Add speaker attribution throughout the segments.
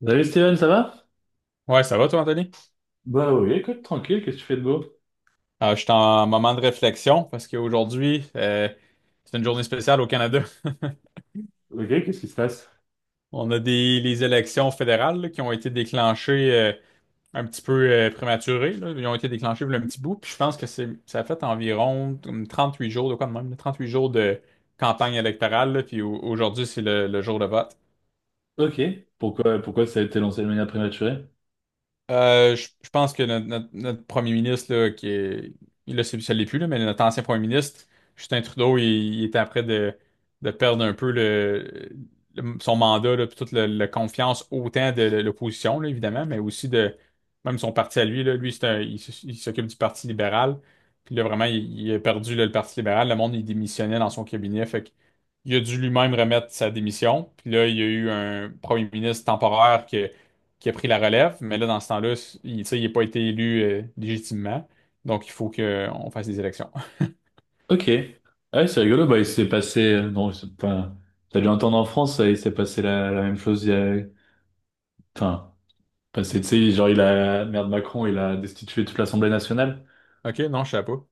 Speaker 1: Salut Steven, ça va?
Speaker 2: Ouais, ça va toi, Anthony?
Speaker 1: Bah oui, écoute, tranquille, qu'est-ce que tu fais de beau?
Speaker 2: Je suis en moment de réflexion parce qu'aujourd'hui, c'est une journée spéciale au Canada.
Speaker 1: Ok, qu'est-ce qui se passe?
Speaker 2: On a des les élections fédérales là, qui ont été déclenchées un petit peu prématurées. Là. Ils ont été déclenchées il y a un petit bout. Puis je pense que c'est ça a fait environ comme huit jours, de quoi de même, là, huit jours de campagne électorale. Là. Puis aujourd'hui, c'est le jour de vote.
Speaker 1: Ok. Pourquoi ça a été lancé de manière prématurée?
Speaker 2: Je pense que notre premier ministre, là, qui est, il là, ça l'est plus, là, mais notre ancien premier ministre, Justin Trudeau, il était après de perdre un peu son mandat, là, puis toute la confiance autant de l'opposition, là, évidemment, mais aussi de même son parti à lui, là. Lui, c'est un- il, s- il s'occupe du Parti libéral. Puis là, vraiment, il a perdu, là, le Parti libéral. Le monde, il démissionnait dans son cabinet. Fait que il a dû lui-même remettre sa démission. Puis là, il y a eu un premier ministre temporaire qui a pris la relève, mais là, dans ce temps-là, tu sais, il n'a pas été élu légitimement. Donc, il faut qu'on fasse des élections.
Speaker 1: Ok. Ah ouais, c'est rigolo. Bah, il s'est passé. Non, c'est- enfin, t'as dû entendre en France, il s'est passé la même chose. Il y a... Enfin, passé, tu sais, genre, il a. Merde, Macron, il a destitué toute l'Assemblée nationale.
Speaker 2: OK, non, je ne savais pas.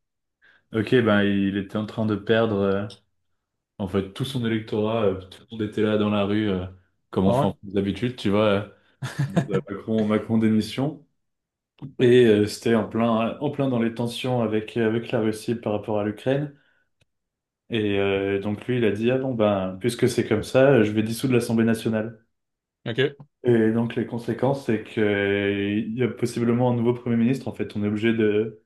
Speaker 1: Ok, ben, il était en train de perdre, en fait, tout son électorat. Tout le monde était là dans la rue, comme on
Speaker 2: Ah
Speaker 1: fait
Speaker 2: ouais?
Speaker 1: en France d'habitude, tu vois. En mode, Macron, Macron démission. Et c'était en plein dans les tensions avec la Russie par rapport à l'Ukraine. Et donc lui, il a dit, ah bon, ben, puisque c'est comme ça, je vais dissoudre l'Assemblée nationale.
Speaker 2: OK.
Speaker 1: Et donc les conséquences, c'est que il y a possiblement un nouveau Premier ministre. En fait, on est obligé de...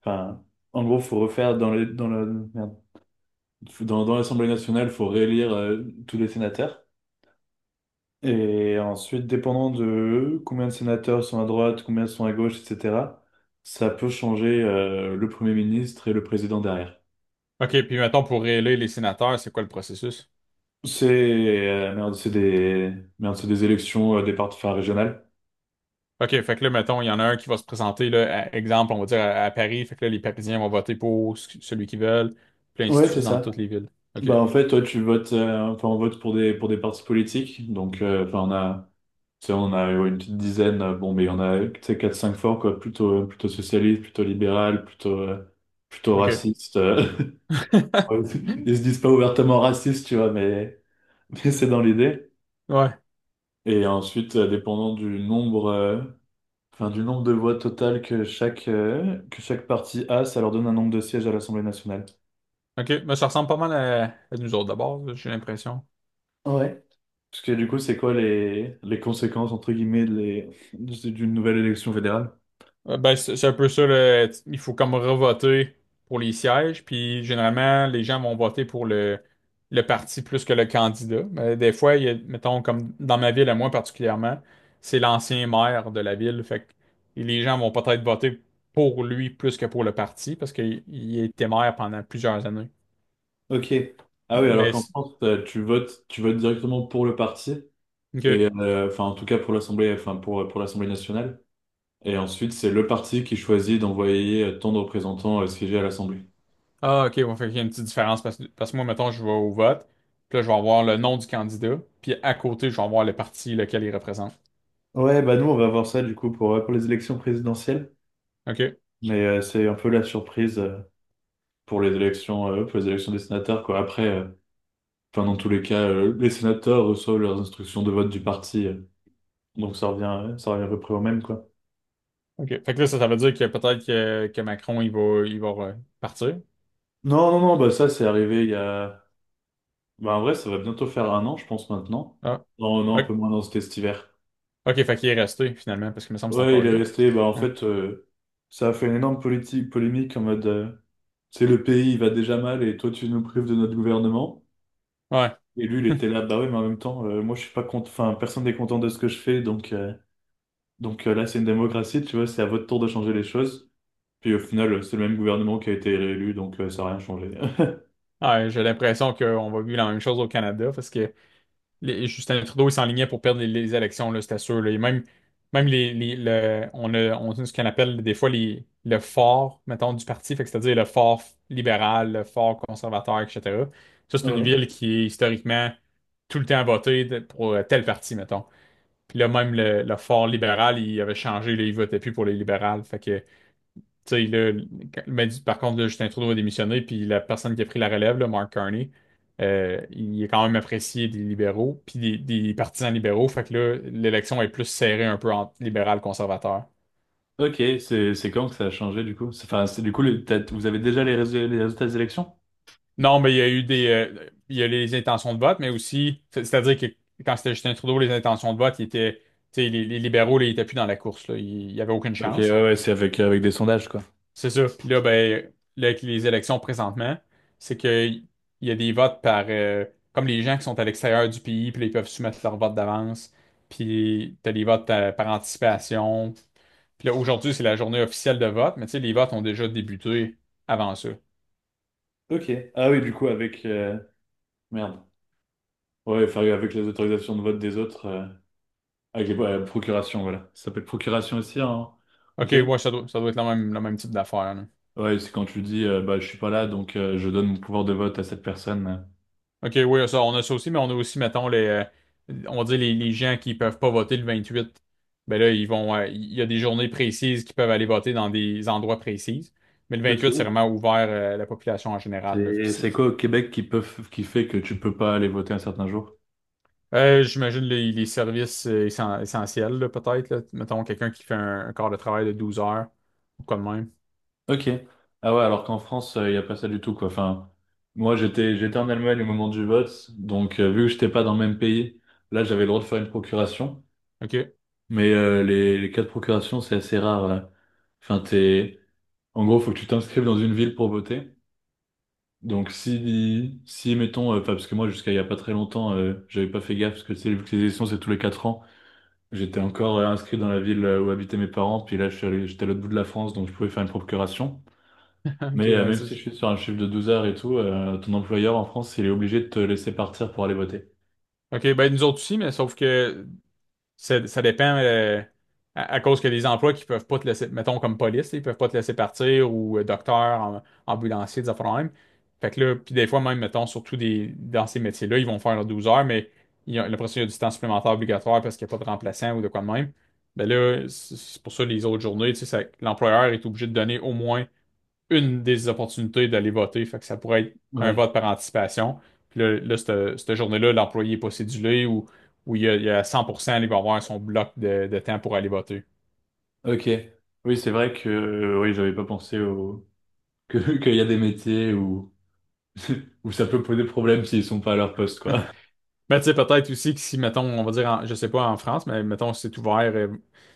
Speaker 1: Enfin, en gros, faut refaire dans les, dans la, merde. Faut- dans l'Assemblée nationale, faut réélire tous les sénateurs. Et ensuite, dépendant de combien de sénateurs sont à droite, combien sont à gauche, etc., ça peut changer le Premier ministre et le président derrière.
Speaker 2: OK, puis mettons, pour élire les sénateurs, c'est quoi le processus?
Speaker 1: C'est merde, merde, c'est des élections des partis enfin, régionales.
Speaker 2: OK, fait que là, mettons, il y en a un qui va se présenter, là, exemple, on va dire à Paris, fait que là, les Parisiens vont voter pour celui qu'ils veulent, puis ainsi
Speaker 1: Ouais,
Speaker 2: de
Speaker 1: c'est
Speaker 2: suite dans
Speaker 1: ça.
Speaker 2: toutes les villes. OK.
Speaker 1: Bah en fait, toi, tu votes, enfin on vote pour des partis politiques. Donc enfin on a, tu sais, on a ouais, une petite dizaine. Bon, mais il y en a, tu sais, quatre cinq forts quoi, plutôt socialiste, plutôt libéral, plutôt plutôt
Speaker 2: OK.
Speaker 1: raciste. Ouais, ils se disent pas ouvertement racistes, tu vois, mais, mais c'est dans l'idée.
Speaker 2: Ouais.
Speaker 1: Et ensuite, dépendant du nombre, enfin, du nombre de voix totales que chaque parti a, ça leur donne un nombre de sièges à l'Assemblée nationale.
Speaker 2: OK, mais ça ressemble pas mal à nous autres d'abord, j'ai l'impression.
Speaker 1: Ouais. Parce que du coup, c'est quoi les conséquences, entre guillemets, de d'une nouvelle élection fédérale?
Speaker 2: Ben, c'est un peu ça, là. Il faut comme revoter pour les sièges, puis généralement, les gens vont voter pour le parti plus que le candidat. Mais des fois, il y a, mettons, comme dans ma ville, à moi particulièrement, c'est l'ancien maire de la ville. Fait que et les gens vont peut-être voter pour lui plus que pour le parti, parce qu'il il était maire pendant plusieurs années.
Speaker 1: Ok. Ah oui, alors
Speaker 2: Mais,
Speaker 1: qu'en
Speaker 2: c'est-
Speaker 1: France, tu votes directement pour le parti, et
Speaker 2: ok.
Speaker 1: enfin, en tout cas pour l'Assemblée, enfin, pour l'Assemblée nationale. Et ensuite, c'est le parti qui choisit d'envoyer tant de représentants siéger à l'Assemblée.
Speaker 2: Ah, ok, on fait qu'il y a une petite différence, parce que moi, mettons, je vais au vote, puis là, je vais avoir le nom du candidat, puis à côté, je vais avoir le parti lequel il représente.
Speaker 1: Ouais, bah nous, on va voir ça du coup pour les élections présidentielles.
Speaker 2: OK.
Speaker 1: Mais c'est un peu la surprise pour les élections des sénateurs, quoi. Après, enfin, dans tous les cas, les sénateurs reçoivent leurs instructions de vote du parti, donc ça revient à peu près au même, quoi.
Speaker 2: OK. Fait que là, ça veut dire que peut-être que Macron, il va partir.
Speaker 1: Non, non, non, bah ça, c'est arrivé il y a... Bah, en vrai, ça va bientôt faire un an, je pense, maintenant.
Speaker 2: Ah.
Speaker 1: Non, non, un peu
Speaker 2: OK.
Speaker 1: moins, dans c'était cet hiver.
Speaker 2: OK, fait qu'il est resté, finalement, parce qu'il me semble que c'est
Speaker 1: Ouais,
Speaker 2: encore
Speaker 1: il est
Speaker 2: lui.
Speaker 1: resté, bah en
Speaker 2: Ouais.
Speaker 1: fait, ça a fait une énorme polémique en mode... Tu sais, le pays, il va déjà mal et toi, tu nous prives de notre gouvernement.
Speaker 2: Ouais.
Speaker 1: Et lui, il était là, bah ouais, mais en même temps, moi, je suis pas content, enfin, personne n'est content de ce que je fais, là, c'est une démocratie, tu vois, c'est à votre tour de changer les choses. Puis au final, c'est le même gouvernement qui a été réélu, donc ça n'a rien changé.
Speaker 2: Ouais, j'ai l'impression qu'on va vivre la même chose au Canada parce que Justin Trudeau, il s'enlignait pour perdre les élections, là, c'était sûr. Là. Et même on a ce qu'on appelle des fois le fort, mettons, du parti, fait que c'est-à-dire le fort libéral, le fort conservateur, etc. Ça, c'est une
Speaker 1: Ouais.
Speaker 2: ville qui est historiquement tout le temps votée pour tel parti, mettons. Puis là, même le fort libéral, il avait changé, là, il votait plus pour les libérales. Fait que, tu sais, là, par contre, là, Justin Trudeau a démissionné, puis la personne qui a pris la relève, là, Mark Carney, il est quand même apprécié des libéraux, puis des partisans libéraux. Fait que là, l'élection est plus serrée un peu entre libéral conservateur.
Speaker 1: Ok, c'est quand que ça a changé du coup? C'est- Enfin, c'est du coup, le- t'as- vous avez déjà les résultats des élections?
Speaker 2: Non, mais il y a eu il y a les intentions de vote, mais aussi, c'est-à-dire que quand c'était Justin Trudeau, les intentions de vote, il était, tu sais, les libéraux, là, ils étaient plus dans la course, là, il n'y avait aucune
Speaker 1: Ok, ouais,
Speaker 2: chance.
Speaker 1: ouais, c'est avec, avec des sondages, quoi.
Speaker 2: C'est ça. Puis là, ben, là, avec les élections présentement, c'est que il y a des votes par comme les gens qui sont à l'extérieur du pays, puis là, ils peuvent soumettre leur vote d'avance. Puis t'as des votes par anticipation. Puis là, aujourd'hui, c'est la journée officielle de vote, mais tu sais, les votes ont déjà débuté avant ça.
Speaker 1: Ok. Ah oui, du coup, avec... merde. Ouais, enfin, avec les autorisations de vote des autres. Avec les ouais, procuration, voilà. Ça s'appelle procuration aussi, hein, au
Speaker 2: OK,
Speaker 1: Québec?
Speaker 2: ouais, ça doit être le même type d'affaire, là.
Speaker 1: Ouais, c'est quand tu dis, bah, je suis pas là, donc je donne mon pouvoir de vote à cette personne.
Speaker 2: OK, oui, ça, on a ça aussi, mais on a aussi, mettons, on dit les gens qui peuvent pas voter le 28. Ben là, ils vont, il y a des journées précises qui peuvent aller voter dans des endroits précises. Mais le 28, c'est
Speaker 1: Ok.
Speaker 2: vraiment ouvert à la population en général. Là. Puis
Speaker 1: C'est c'est quoi au Québec qui peut, f- qui fait que tu peux pas aller voter un certain jour?
Speaker 2: j'imagine les services essentiels, là, peut-être. Là. Mettons, quelqu'un qui fait un quart de travail de 12 heures ou quoi de même.
Speaker 1: Ok. Ah ouais, alors qu'en France, il n'y a pas ça du tout, quoi. Enfin, moi, j'étais en Allemagne au moment du vote, donc vu que j'étais pas dans le même pays, là, j'avais le droit de faire une procuration.
Speaker 2: OK.
Speaker 1: Mais les cas de procuration, c'est assez rare, là. Enfin, t'es... En gros, faut que tu t'inscrives dans une ville pour voter. Donc si, si mettons, enfin parce que moi jusqu'à il y a pas très longtemps, j'avais pas fait gaffe parce que tu sais, vu que les élections c'est tous les quatre ans, j'étais encore inscrit dans la ville où habitaient mes parents, puis là je suis allé- j'étais à l'autre bout de la France donc je pouvais faire une procuration.
Speaker 2: OK,
Speaker 1: Mais
Speaker 2: oui,
Speaker 1: même
Speaker 2: c'est
Speaker 1: si
Speaker 2: ça.
Speaker 1: je suis sur un chiffre de 12 heures et tout, ton employeur en France il est obligé de te laisser partir pour aller voter.
Speaker 2: OK, ben nous autres aussi, mais sauf que ça dépend à cause que les emplois qui peuvent pas te laisser, mettons comme police, ils peuvent pas te laisser partir ou docteur, ambulancier, des affaires de même. Fait que là, puis des fois même, mettons, surtout des, dans ces métiers-là, ils vont faire leurs 12 heures, mais il y il y a du temps supplémentaire obligatoire parce qu'il n'y a pas de remplaçant ou de quoi de même. Ben là, c'est pour ça les autres journées, tu sais, l'employeur est obligé de donner au moins une des opportunités d'aller voter. Fait que ça pourrait être un
Speaker 1: Ouais.
Speaker 2: vote par anticipation. Puis là, là, cette journée-là, l'employé n'est pas cédulé ou il y a 100%, il va avoir son bloc de temps pour aller voter.
Speaker 1: Ok. Oui c'est vrai que oui j'avais pas pensé au que qu'il y a des métiers où où ça peut poser problème s'ils sont pas à leur poste quoi.
Speaker 2: Mais tu sais, peut-être aussi que si, mettons, on va dire, je sais pas en France, mais mettons, si c'est ouvert,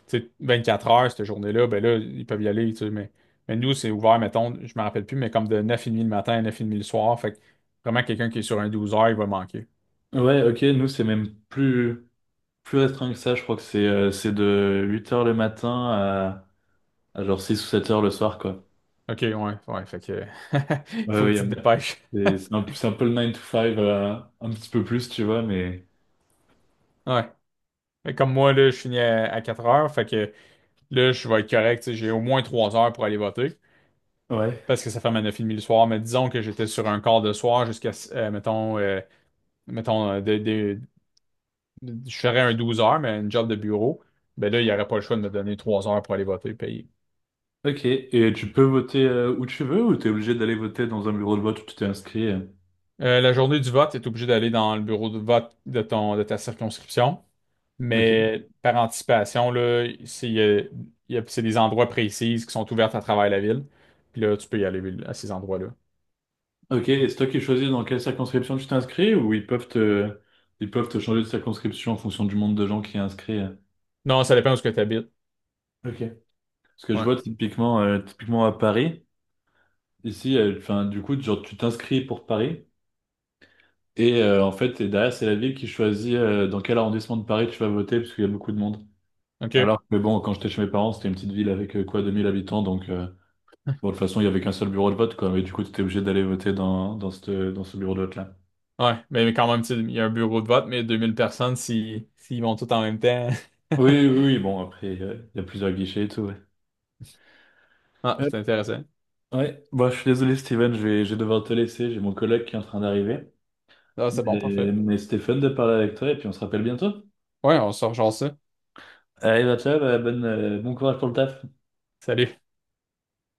Speaker 2: tu sais, 24 heures, cette journée-là, ben là, ils peuvent y aller, tu sais, mais nous, c'est ouvert, mettons, je me rappelle plus, mais comme de 9h30 le matin à 9h30 le soir, fait que vraiment, quelqu'un qui est sur un 12 heures, il va manquer.
Speaker 1: Ouais, ok, nous c'est même plus. Plus restreint que ça, je crois que c'est de huit heures le matin à genre 6 ou sept heures le soir, quoi.
Speaker 2: OK, ouais, ouais, fait que, il
Speaker 1: Ouais,
Speaker 2: faut que tu te dépêches.
Speaker 1: c'est c'est un peu le 9 to 5, un petit peu plus, tu vois, mais...
Speaker 2: Ouais. Mais comme moi, là, je finis à 4 heures, fait que là, je vais être correct, tu sais, j'ai au moins 3 heures pour aller voter,
Speaker 1: Ouais.
Speaker 2: parce que ça ferme à 9h30 le soir, mais disons que j'étais sur un quart de soir jusqu'à, mettons, mettons de- je ferais un 12 heures, mais une job de bureau, ben là, il n'y aurait pas le choix de me donner 3 heures pour aller voter, payer.
Speaker 1: Ok, et tu peux voter où tu veux ou t'es obligé d'aller voter dans un bureau de vote où tu t'es inscrit?
Speaker 2: La journée du vote, tu es obligé d'aller dans le bureau de vote de ton, de ta circonscription,
Speaker 1: Ok.
Speaker 2: mais par anticipation, là, c'est il y a- c'est des endroits précis qui sont ouverts à travers la ville, puis là, tu peux y aller à ces endroits-là.
Speaker 1: Ok, et c'est toi qui choisis dans quelle circonscription tu t'inscris ou ils peuvent ils peuvent te changer de circonscription en fonction du nombre de gens qui est inscrit?
Speaker 2: Non, ça dépend où ce que tu habites.
Speaker 1: Ok. Parce que je
Speaker 2: Ouais.
Speaker 1: vois typiquement, typiquement à Paris. Ici, enfin, du coup, genre, tu t'inscris pour Paris et en fait, et derrière, c'est la ville qui choisit dans quel arrondissement de Paris tu vas voter parce qu'il y a beaucoup de monde.
Speaker 2: OK.
Speaker 1: Alors que bon, quand j'étais chez mes parents, c'était une petite ville avec quoi, 2000 habitants, donc bon, de toute façon, il y avait qu'un seul bureau de vote, quoi. Mais du coup, tu étais obligé d'aller voter dans, dans, dans ce bureau de vote-là.
Speaker 2: Ouais, mais quand même, tu sais, il y a un bureau de vote, mais 2000 personnes, si, s'ils vont tous en même temps.
Speaker 1: Oui, oui, oui, bon, après, il y a plusieurs guichets et tout, ouais.
Speaker 2: Ah,
Speaker 1: Euh,
Speaker 2: c'est intéressant.
Speaker 1: ouais, bon, je suis désolé, Steven, je vais devoir te laisser, j'ai mon collègue qui est en train d'arriver.
Speaker 2: Ah, c'est bon,
Speaker 1: Mais,
Speaker 2: parfait.
Speaker 1: mais c'était fun de parler avec toi et puis on se rappelle bientôt.
Speaker 2: Ouais, on sort genre ça.
Speaker 1: Allez, bah, ciao, bah, bonne, bon courage pour le taf.
Speaker 2: Salut.